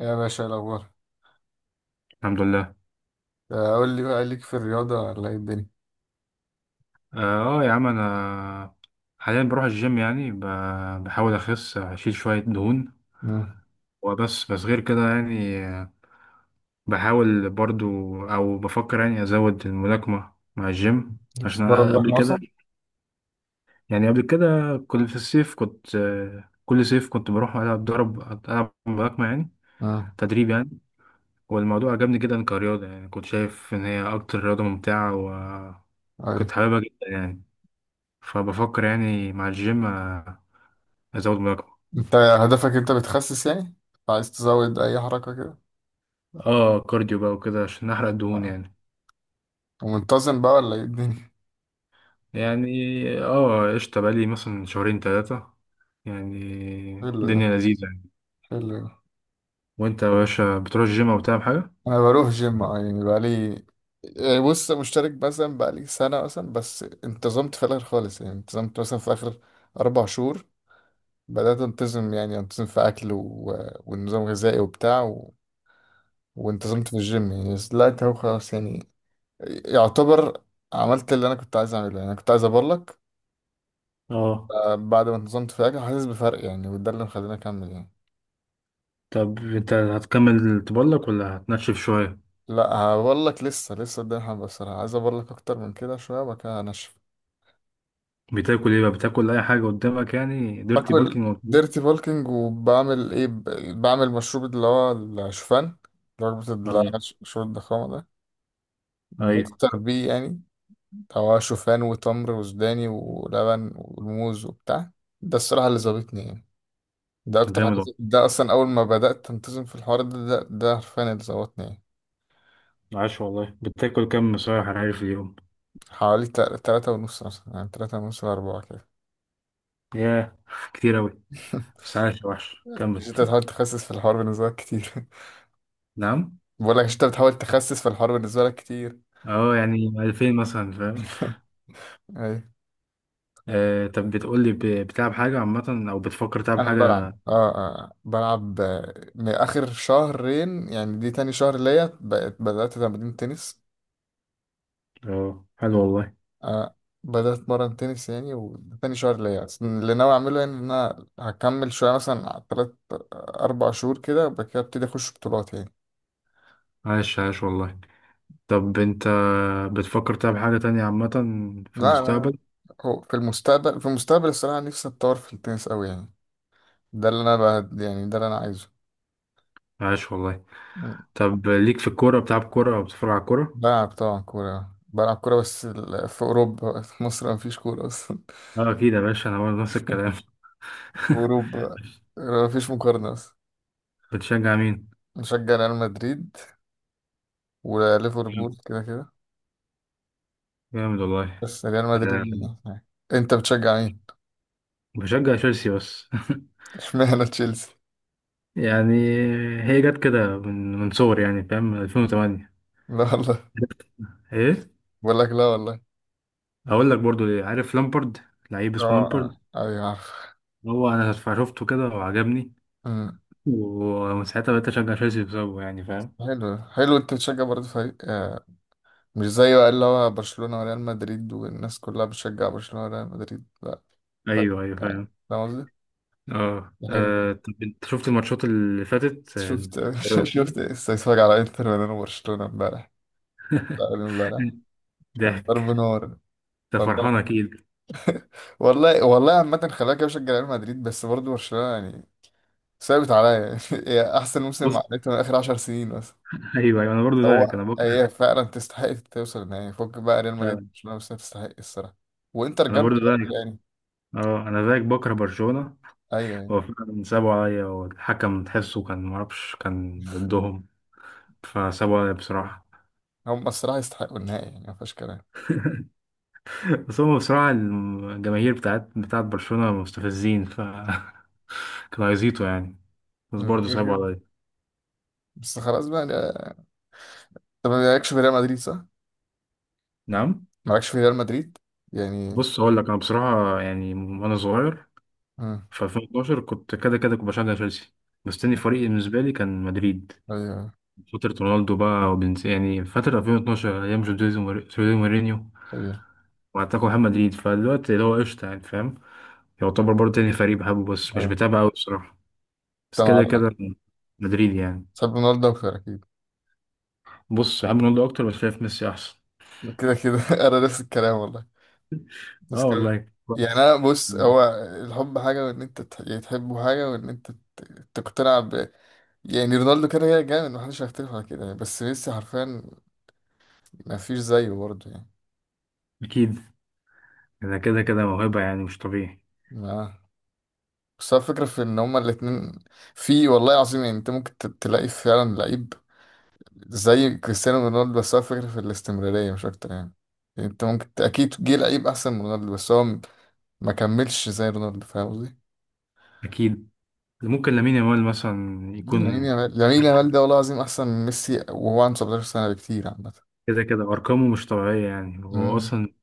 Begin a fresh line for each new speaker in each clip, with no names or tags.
يا باشا، إيه الأخبار؟
الحمد لله.
قول لي بقى ليك في الرياضة ولا إيه الدنيا؟
اه، يا عم انا حاليا بروح الجيم يعني، بحاول اخس اشيل شوية دهون.
مم.
وبس بس غير كده يعني، بحاول برضو او بفكر يعني ازود الملاكمة مع الجيم. عشان
بتتمرن
أنا قبل
بقى
كده،
أصلا؟
يعني قبل كده كنت في الصيف، كنت كل صيف كنت بروح العب ضرب، العب ملاكمة يعني،
مم.
تدريب يعني. والموضوع عجبني جدا كرياضة، يعني كنت شايف ان هي اكتر رياضة ممتعة
قول لي.
وكنت حاببها جدا يعني. فبفكر يعني مع الجيم ازود مراجعة.
أنت هدفك أنت بتخسس يعني؟ عايز تزود أي حركة كده؟
اه، كارديو بقى وكده عشان احرق الدهون
آه.
يعني.
ومنتظم بقى ولا إيه الدنيا؟
يعني اه قشطة، بقالي مثلا شهرين تلاتة يعني.
حلو ده.
الدنيا لذيذة يعني.
حلو ده.
وانت يا باشا بتروح الجيم او بتعمل حاجة؟
أنا بروح جيم يعني بقى لي. يعني بص، مشترك مثلا بقى لي سنة مثلا، بس انتظمت في الآخر خالص يعني، انتظمت مثلا في آخر أربع شهور بدأت أنتظم، يعني أنتظم في أكل و... ونظام غذائي وبتاع و... وانتظمت في الجيم يعني، بس دلوقتي اهو خلاص يعني، يعتبر عملت اللي انا كنت عايز اعمله يعني. انا كنت عايز اقول لك
اه.
بعد ما انتظمت في حاجه حاسس بفرق يعني، وده اللي مخليني اكمل يعني.
طب انت هتكمل تبلك ولا هتنشف شوية؟
لا، هقول لك، لسه لسه قدامي حبه الصراحه، عايز اقول لك اكتر من كده شويه وبعد كده هنشف.
بتاكل ايه بقى؟ بتاكل اي حاجة قدامك يعني ديرتي
باكل
بالكينج ولا إيه؟
ديرتي بولكينج، وبعمل ايه، بعمل مشروب اللي هو الشوفان، رغبة اللي هو
اه،
مشروب الضخامة ده،
ايوه.
بفطر بيه يعني. هو شوفان وتمر وسوداني ولبن وموز وبتاع. ده الصراحة اللي ظابطني يعني. ده اكتر
جامد
حاجه،
والله.
ده اصلا اول ما بدات انتظم في الحوار ده، ده حرفيا اللي ظبطني يعني.
عاش والله. بتاكل كم صحيح حراري في اليوم؟
حوالي تلاتة ونص مثلا، يعني 3.5 لأربعة كده.
ياه كتير اوي. بس عاش، وحش كمل.
مش انت بتحاول تخسس في الحوار بالنسبة لك كتير؟
نعم.
بقول لك، انت بتحاول تخسس في الحوار بالنسبة لك كتير.
اه، يعني 2000 مثلا، فاهم.
ايوه.
طب بتقول لي، بتلعب حاجة عامة أو بتفكر تلعب
انا
حاجة؟
بلعب، بلعب من اخر شهرين، يعني دي تاني شهر ليا بقيت بدأت تمرين تنس.
اه حلو والله.
آه، بدأت أتمرن تنس يعني، وتاني شهر ليا، بس اللي ناوي أعمله يعني إن أنا هكمل شوية مثلا على تلات أربع شهور كده، وبعد كده أبتدي أخش بطولات يعني.
عاش عاش والله. طب أنت بتفكر تلعب حاجة تانية عامة في
لا، أنا
المستقبل؟
هو في المستقبل، الصراحة نفسي أتطور في التنس أوي يعني. ده اللي أنا بقى، يعني ده اللي أنا عايزه.
عاش والله. طب ليك في الكورة، بتلعب كورة أو بتتفرج على الكورة؟
بلعب طبعا كورة، بلعب كورة، بس في أوروبا، في مصر مفيش كورة أصلا.
أه أكيد يا باشا، أنا برضه نفس الكلام.
في أوروبا مفيش مقارنة أصلا.
بتشجع مين؟
بشجع ريال مدريد وليفربول،
جامد.
كده كده،
جامد والله.
بس ريال
آه،
مدريد يعني. أنت بتشجع مين؟
بشجع تشيلسي بس
اشمعنى تشيلسي؟
يعني هي جت كده من صغري، يعني فاهم، 2008.
لا والله.
ايه.
بقول لك لا والله.
اقول لك برضو ليه. عارف لامبرد، لعيب
اه،
اسمه لامبرد.
آه، ايوه عارف.
هو انا شفته كده وعجبني،
أمم.
ومن ساعتها بقيت اشجع تشيلسي بسببه يعني، فاهم.
حلو حلو، انت بتشجع برضه فريق آه، مش زي بقى اللي هو برشلونة وريال مدريد، والناس كلها بتشجع برشلونة وريال مدريد، لا فريق
ايوه ايوه،
آه،
فاهم.
فاهم قصدي؟
اه،
ده حلو.
طب انت شفت الماتشات اللي فاتت،
شفت
دوري الابطال.
شفت استفسار على انتر ميلان وبرشلونة امبارح؟ لا، قبل امبارح. كان
ضحك.
ضرب نار.
انت
والله.
فرحان اكيد.
والله والله، عامة خلاك بشجع ريال مدريد، بس برضه برشلونة يعني ثابت عليا يعني. هي احسن
بص
موسم عملته من اخر 10 سنين.
ايوه ايوه، انا برضو زيك انا
هو
بكره.
هي فعلا تستحق توصل النهائي، فك بقى ريال مدريد
فعلا.
برشلونة، بس هي تستحق الصراحة. وانتر
انا
جامدة
برضو
برضه
زيك.
يعني.
اه، انا زيك بكره برشلونه. هو
ايوه
فعلا سابوا عليا، والحكم تحسه كان معرفش، كان ضدهم، فسابوا عليا
يعني،
بصراحه.
هم الصراحة يستحقوا النهائي، يعني ما فيهاش كلام.
بس هم بصراحة الجماهير بتاعت برشلونة مستفزين، ف كانوا هيزيطوا يعني. بس
مم.
برضه
كده
صعبوا
كده.
عليا.
بس خلاص بقى طب، ما مالكش في ريال مدريد صح؟
نعم.
مالكش في ريال مدريد يعني.
بص هقول لك، أنا بصراحة يعني، وأنا صغير
مم.
في 2012، كنت كده كده كنت بشجع تشيلسي. بس تاني فريق بالنسبة لي كان مدريد.
ايوه.
فترة رونالدو بقى وبنز، يعني فترة 2012 أيام جوزيه مورينيو.
ايوه،
وأتاكو محمد مدريد، فدلوقتي اللي هو قشطة يعني، فاهم. يعتبر برضه تاني فريق بحبه، بس مش
ايوه.
بتابعه أوي بصراحة. بس
انت
كده كده مدريد يعني.
تحب رونالدو اكتر اكيد.
بص، بحب رونالدو أكتر بس شايف ميسي أحسن.
كده كده. انا نفس الكلام والله. بس
اه
كده
والله
يعني.
كويس.
انا بص،
مم.
هو الحب حاجه، وان انت يعني تحبه حاجه، وان انت تقتنع يعني. رونالدو كده كده جامد، محدش هيختلف على كده يعني، بس ميسي حرفيا مفيش زيه برضه يعني.
اكيد. انا كده كده موهبه يعني مش طبيعي.
ما، بس هو الفكرة في إن هما الاتنين في، والله العظيم يعني. أنت ممكن تلاقي فعلا لعيب زي كريستيانو رونالدو، بس هو الفكرة في الاستمرارية مش أكتر يعني. يعني أنت ممكن أكيد جه لعيب أحسن من رونالدو، بس هو ما كملش زي رونالدو، فاهم قصدي؟
اكيد. ممكن لامين يامال مثلا
لامين
يكون.
يامال، ده والله العظيم أحسن من ميسي، وهو عنده 17 سنة بكتير عامة.
كده كده ارقامه مش طبيعيه يعني. هو
أمم.
اصلا اللي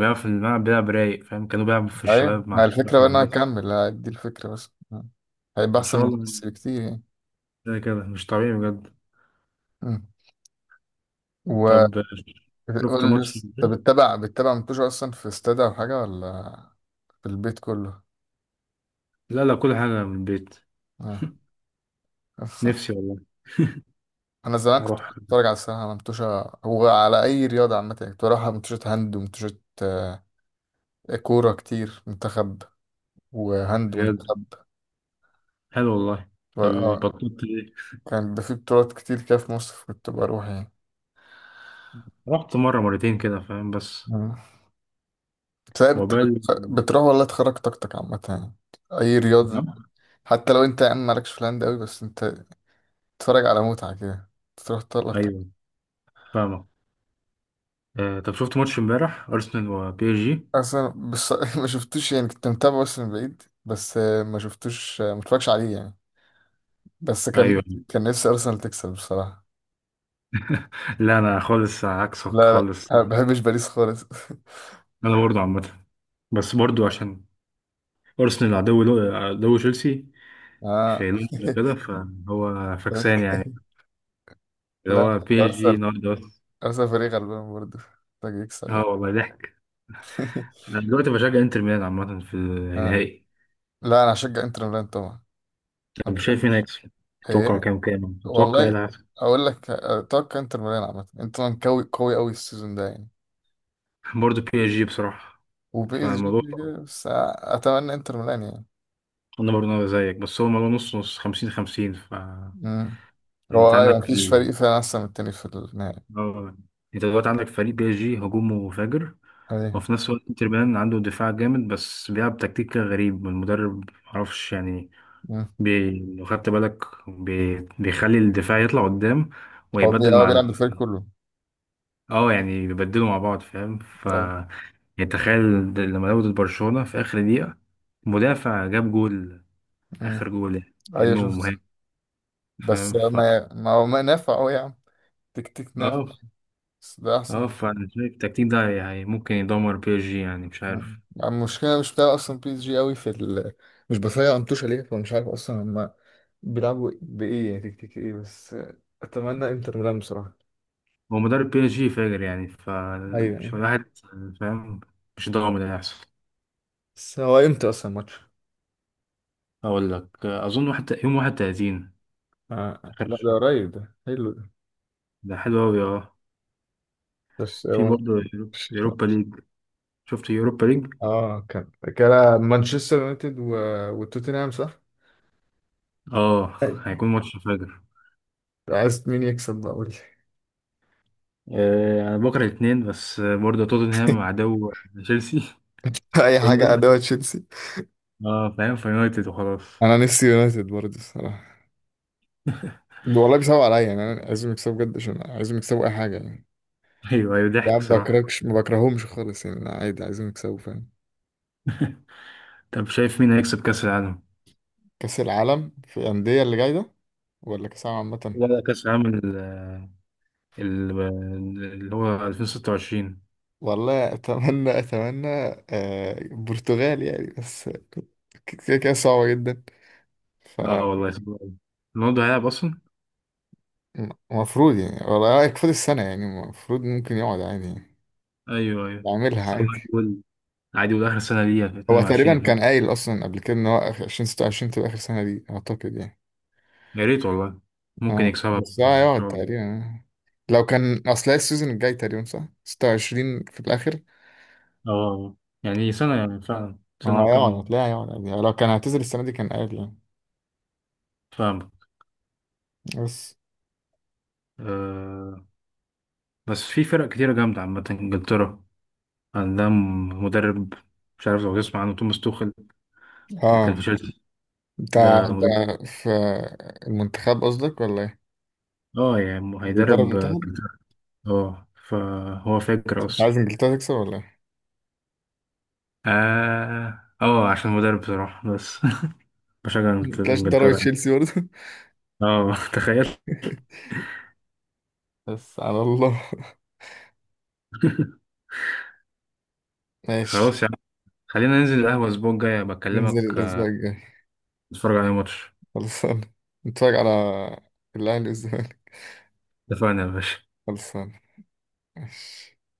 بيلعب في الملعب بيلعب رايق، فاهم، كانوا بيلعبوا في
أيوة،
الشباب مع
ما
الشباب
الفكرة
في
بقى إن هو
المدرسه.
هيكمل، دي الفكرة بس آه. هيبقى
ان
أحسن من
شاء الله.
ميسي بكتير يعني.
كده كده مش طبيعي بجد.
مم.
طب شفت
وقول لي
ماتش
بس، انت
البيت؟
بتتابع منتوج اصلا في استاد او حاجه، ولا في البيت كله؟
لا لا، كل حاجه من البيت.
آه.
نفسي والله
انا زمان كنت
اروح.
بتفرج على السباحه، على منتوشه، وعلى اي رياضه عامه يعني. كنت بروح على منتوشه هاند، ومنتوشه آه، كوره كتير، منتخب وهاند
بجد.
منتخب.
حلو والله.
و-
طب
اه
بطلت ليه؟
كان بيبقى في بطولات كتير كده في مصر، كنت بروح يعني.
رحت مره مرتين كده، فاهم، بس.
مم. بتلاقي
عقبال.
بتروح والله تخرج طاقتك عامه يعني، اي رياضه. حتى لو انت يا عم مالكش في الهاند قوي، بس انت تتفرج على متعه كده، تروح تطلع.
ايوه فاهمك. طب شفت ماتش امبارح ارسنال وبي اس جي؟
اصلا بص ما شفتوش يعني، كنت متابعه بس من بعيد، بس ما شفتوش، ما اتفرجش عليه يعني. بس
ايوه
كان نفسي ارسنال تكسب بصراحه.
لا، انا خالص عكسك
لا لا،
خالص.
ما بحبش باريس خالص.
انا برضو عامه. بس برضو عشان ارسنال عدو تشيلسي
اه.
في لندن كده، فهو فكسان يعني. اللي
لا،
هو بي اس جي
ارسنال،
النهارده بس.
ارسنال فريق غلبان برضه، محتاج يكسب
اه
يعني.
والله ضحك. انا دلوقتي بشجع انتر ميلان عامه في
آه.
النهائي.
لا، انا هشجع انتر ميلان طبعا، انا
طب
ما
شايف مين
بحبش.
هيكسب؟ تتوقع
ايه؟
كام تتوقع ايه اللي
والله
هيحصل؟
اقول لك، اتوقع انتر ميلان، عامه انتر ميلان قوي قوي قوي السيزون ده يعني.
برضو بي اس جي بصراحه.
وبي اس جي
فالموضوع،
كده كده، بس اتمنى انتر ميلان
انا برضو أنا زيك. بس هو الموضوع نص نص، 50 50 ف
يعني.
يعني. انت
هو ايوه،
عندك
مفيش
ال...
فريق فعلا احسن من التاني في النهائي.
اه، انت دلوقتي عندك فريق بي اس جي هجومه فاجر.
ايوه.
وفي نفس الوقت انتر ميلان عنده دفاع جامد، بس بيلعب تكتيك كده غريب، المدرب معرفش يعني.
مم.
بي... لو خدت بالك، بي... بيخلي الدفاع يطلع قدام
هو
ويبدل مع ال...
بيلعب بالفريق كله.
اه يعني بيبدلوا مع بعض، فاهم، ف
ايوه.
يعني تخيل لما لعبوا ضد برشلونة في آخر دقيقة، مدافع جاب جول،
مم.
آخر جول، يعني
أيوة،
كأنه
شفت.
مهاجم.
بس
فاهم، ف
ما ما هو ما نافع قوي يا عم. تك تك نافع.
اه
بس ده احسن.
اه، فانا شايف التكتيك ده يعني ممكن يدمر بي اس جي، يعني مش
مم.
عارف.
يعني المشكله مش بتاع اصلا، بي اس جي قوي في ال... مش بفايق انتوش عليه، فمش عارف اصلا هم بيلعبوا بايه، يعني تك تك ايه بس. اتمنى انتر ميلان بصراحه.
هو مدرب بي اس جي فاجر يعني،
ايوه
فمش
يعني.
واحد، فاهم. مش ضامن اللي هيحصل.
بس هو امتى اصلا الماتش؟
اقول لك، اظن واحد، يوم 31.
آه. لا، ده
اخر.
قريب، ده حلو ده.
ده حلو قوي اه.
بس
في
هو
برضه يوروبا ليج. شفت يوروبا ليج؟
اه، كان مانشستر يونايتد و... وتوتنهام صح؟
اه.
أيوة.
هيكون ماتش فاجر.
عايز مين يكسب بقى؟ قول لي.
انا بكره الاثنين، بس برضه توتنهام عدو تشيلسي في
اي حاجه
لندن.
ادوه تشيلسي.
اه فاهم، في يونايتد وخلاص.
انا نفسي يونايتد برضه الصراحه. والله بيصعب عليا يعني، انا عايزهم يكسبوا بجد، عشان عايزهم يكسبوا اي حاجه يعني.
ايوه ايوه
يعني
ضحك
ما
صراحه.
بكرهكش، ما بكرههمش خالص يعني، أنا عادي عايزهم يكسبوا فاهم.
طب شايف مين هيكسب كاس العالم؟
كاس العالم في الانديه اللي جاي ده، ولا كاس العالم عامه؟
لا لا، كاس العالم ال- اللي هو 2026.
والله اتمنى، اتمنى آه البرتغال يعني، بس كده كده صعبه جدا ف.
اه والله صعب أوي. رونالدو هيلعب اصلا؟
المفروض يعني والله يكفي السنة يعني، المفروض ممكن يقعد عادي يعني،
ايوه ايوه.
يعملها
بس هو عادي
عادي.
يقول، عادي يقول اخر سنه ليها في
هو تقريبا
22.
كان قايل أصلا قبل كده إن هو آخر 2026 تبقى آخر سنة دي أعتقد يعني.
يا ريت والله. ممكن
آه.
يكسبها
بس هو
ان
هيقعد
شاء الله.
تقريبا لو كان، أصل هي السيزون الجاي تقريبا صح؟ 26 في الآخر.
اه يعني سنه، يعني فعلا
هو
سنه
هيقعد،
وكم.
هتلاقيه هيقعد عادي يعني، لو كان هيعتزل السنة دي كان قايل يعني.
فاهم.
بس
آه، بس في فرق كتيره جامده عامه. انجلترا عندها مدرب، مش عارف لو تسمع عنه، توماس توخل اللي كان في
اه.
تشيلسي. ده مدرب.
أنت في المنتخب قصدك ولا إيه؟
اه يعني
بيدرب
هيدرب
المنتخب؟
انجلترا. اه فهو فاكر
أنت
اصلا.
عايز إنجلترا تكسب ولا إيه؟
اه اه، عشان مدرب بصراحه بس بشجع
متلاقيش ضربت
انجلترا.
تشيلسي برضه.
اه تخيل.
بس على الله. ماشي.
خلاص يا عم، خلينا ننزل القهوة الأسبوع الجاي
ننزل
بكلمك،
الأسبوع الجاي.
نتفرج على ماتش.
خلصان. نتفرج على الأهلي والزمالك.
اتفقنا يا باشا.
خلصان. ماشي.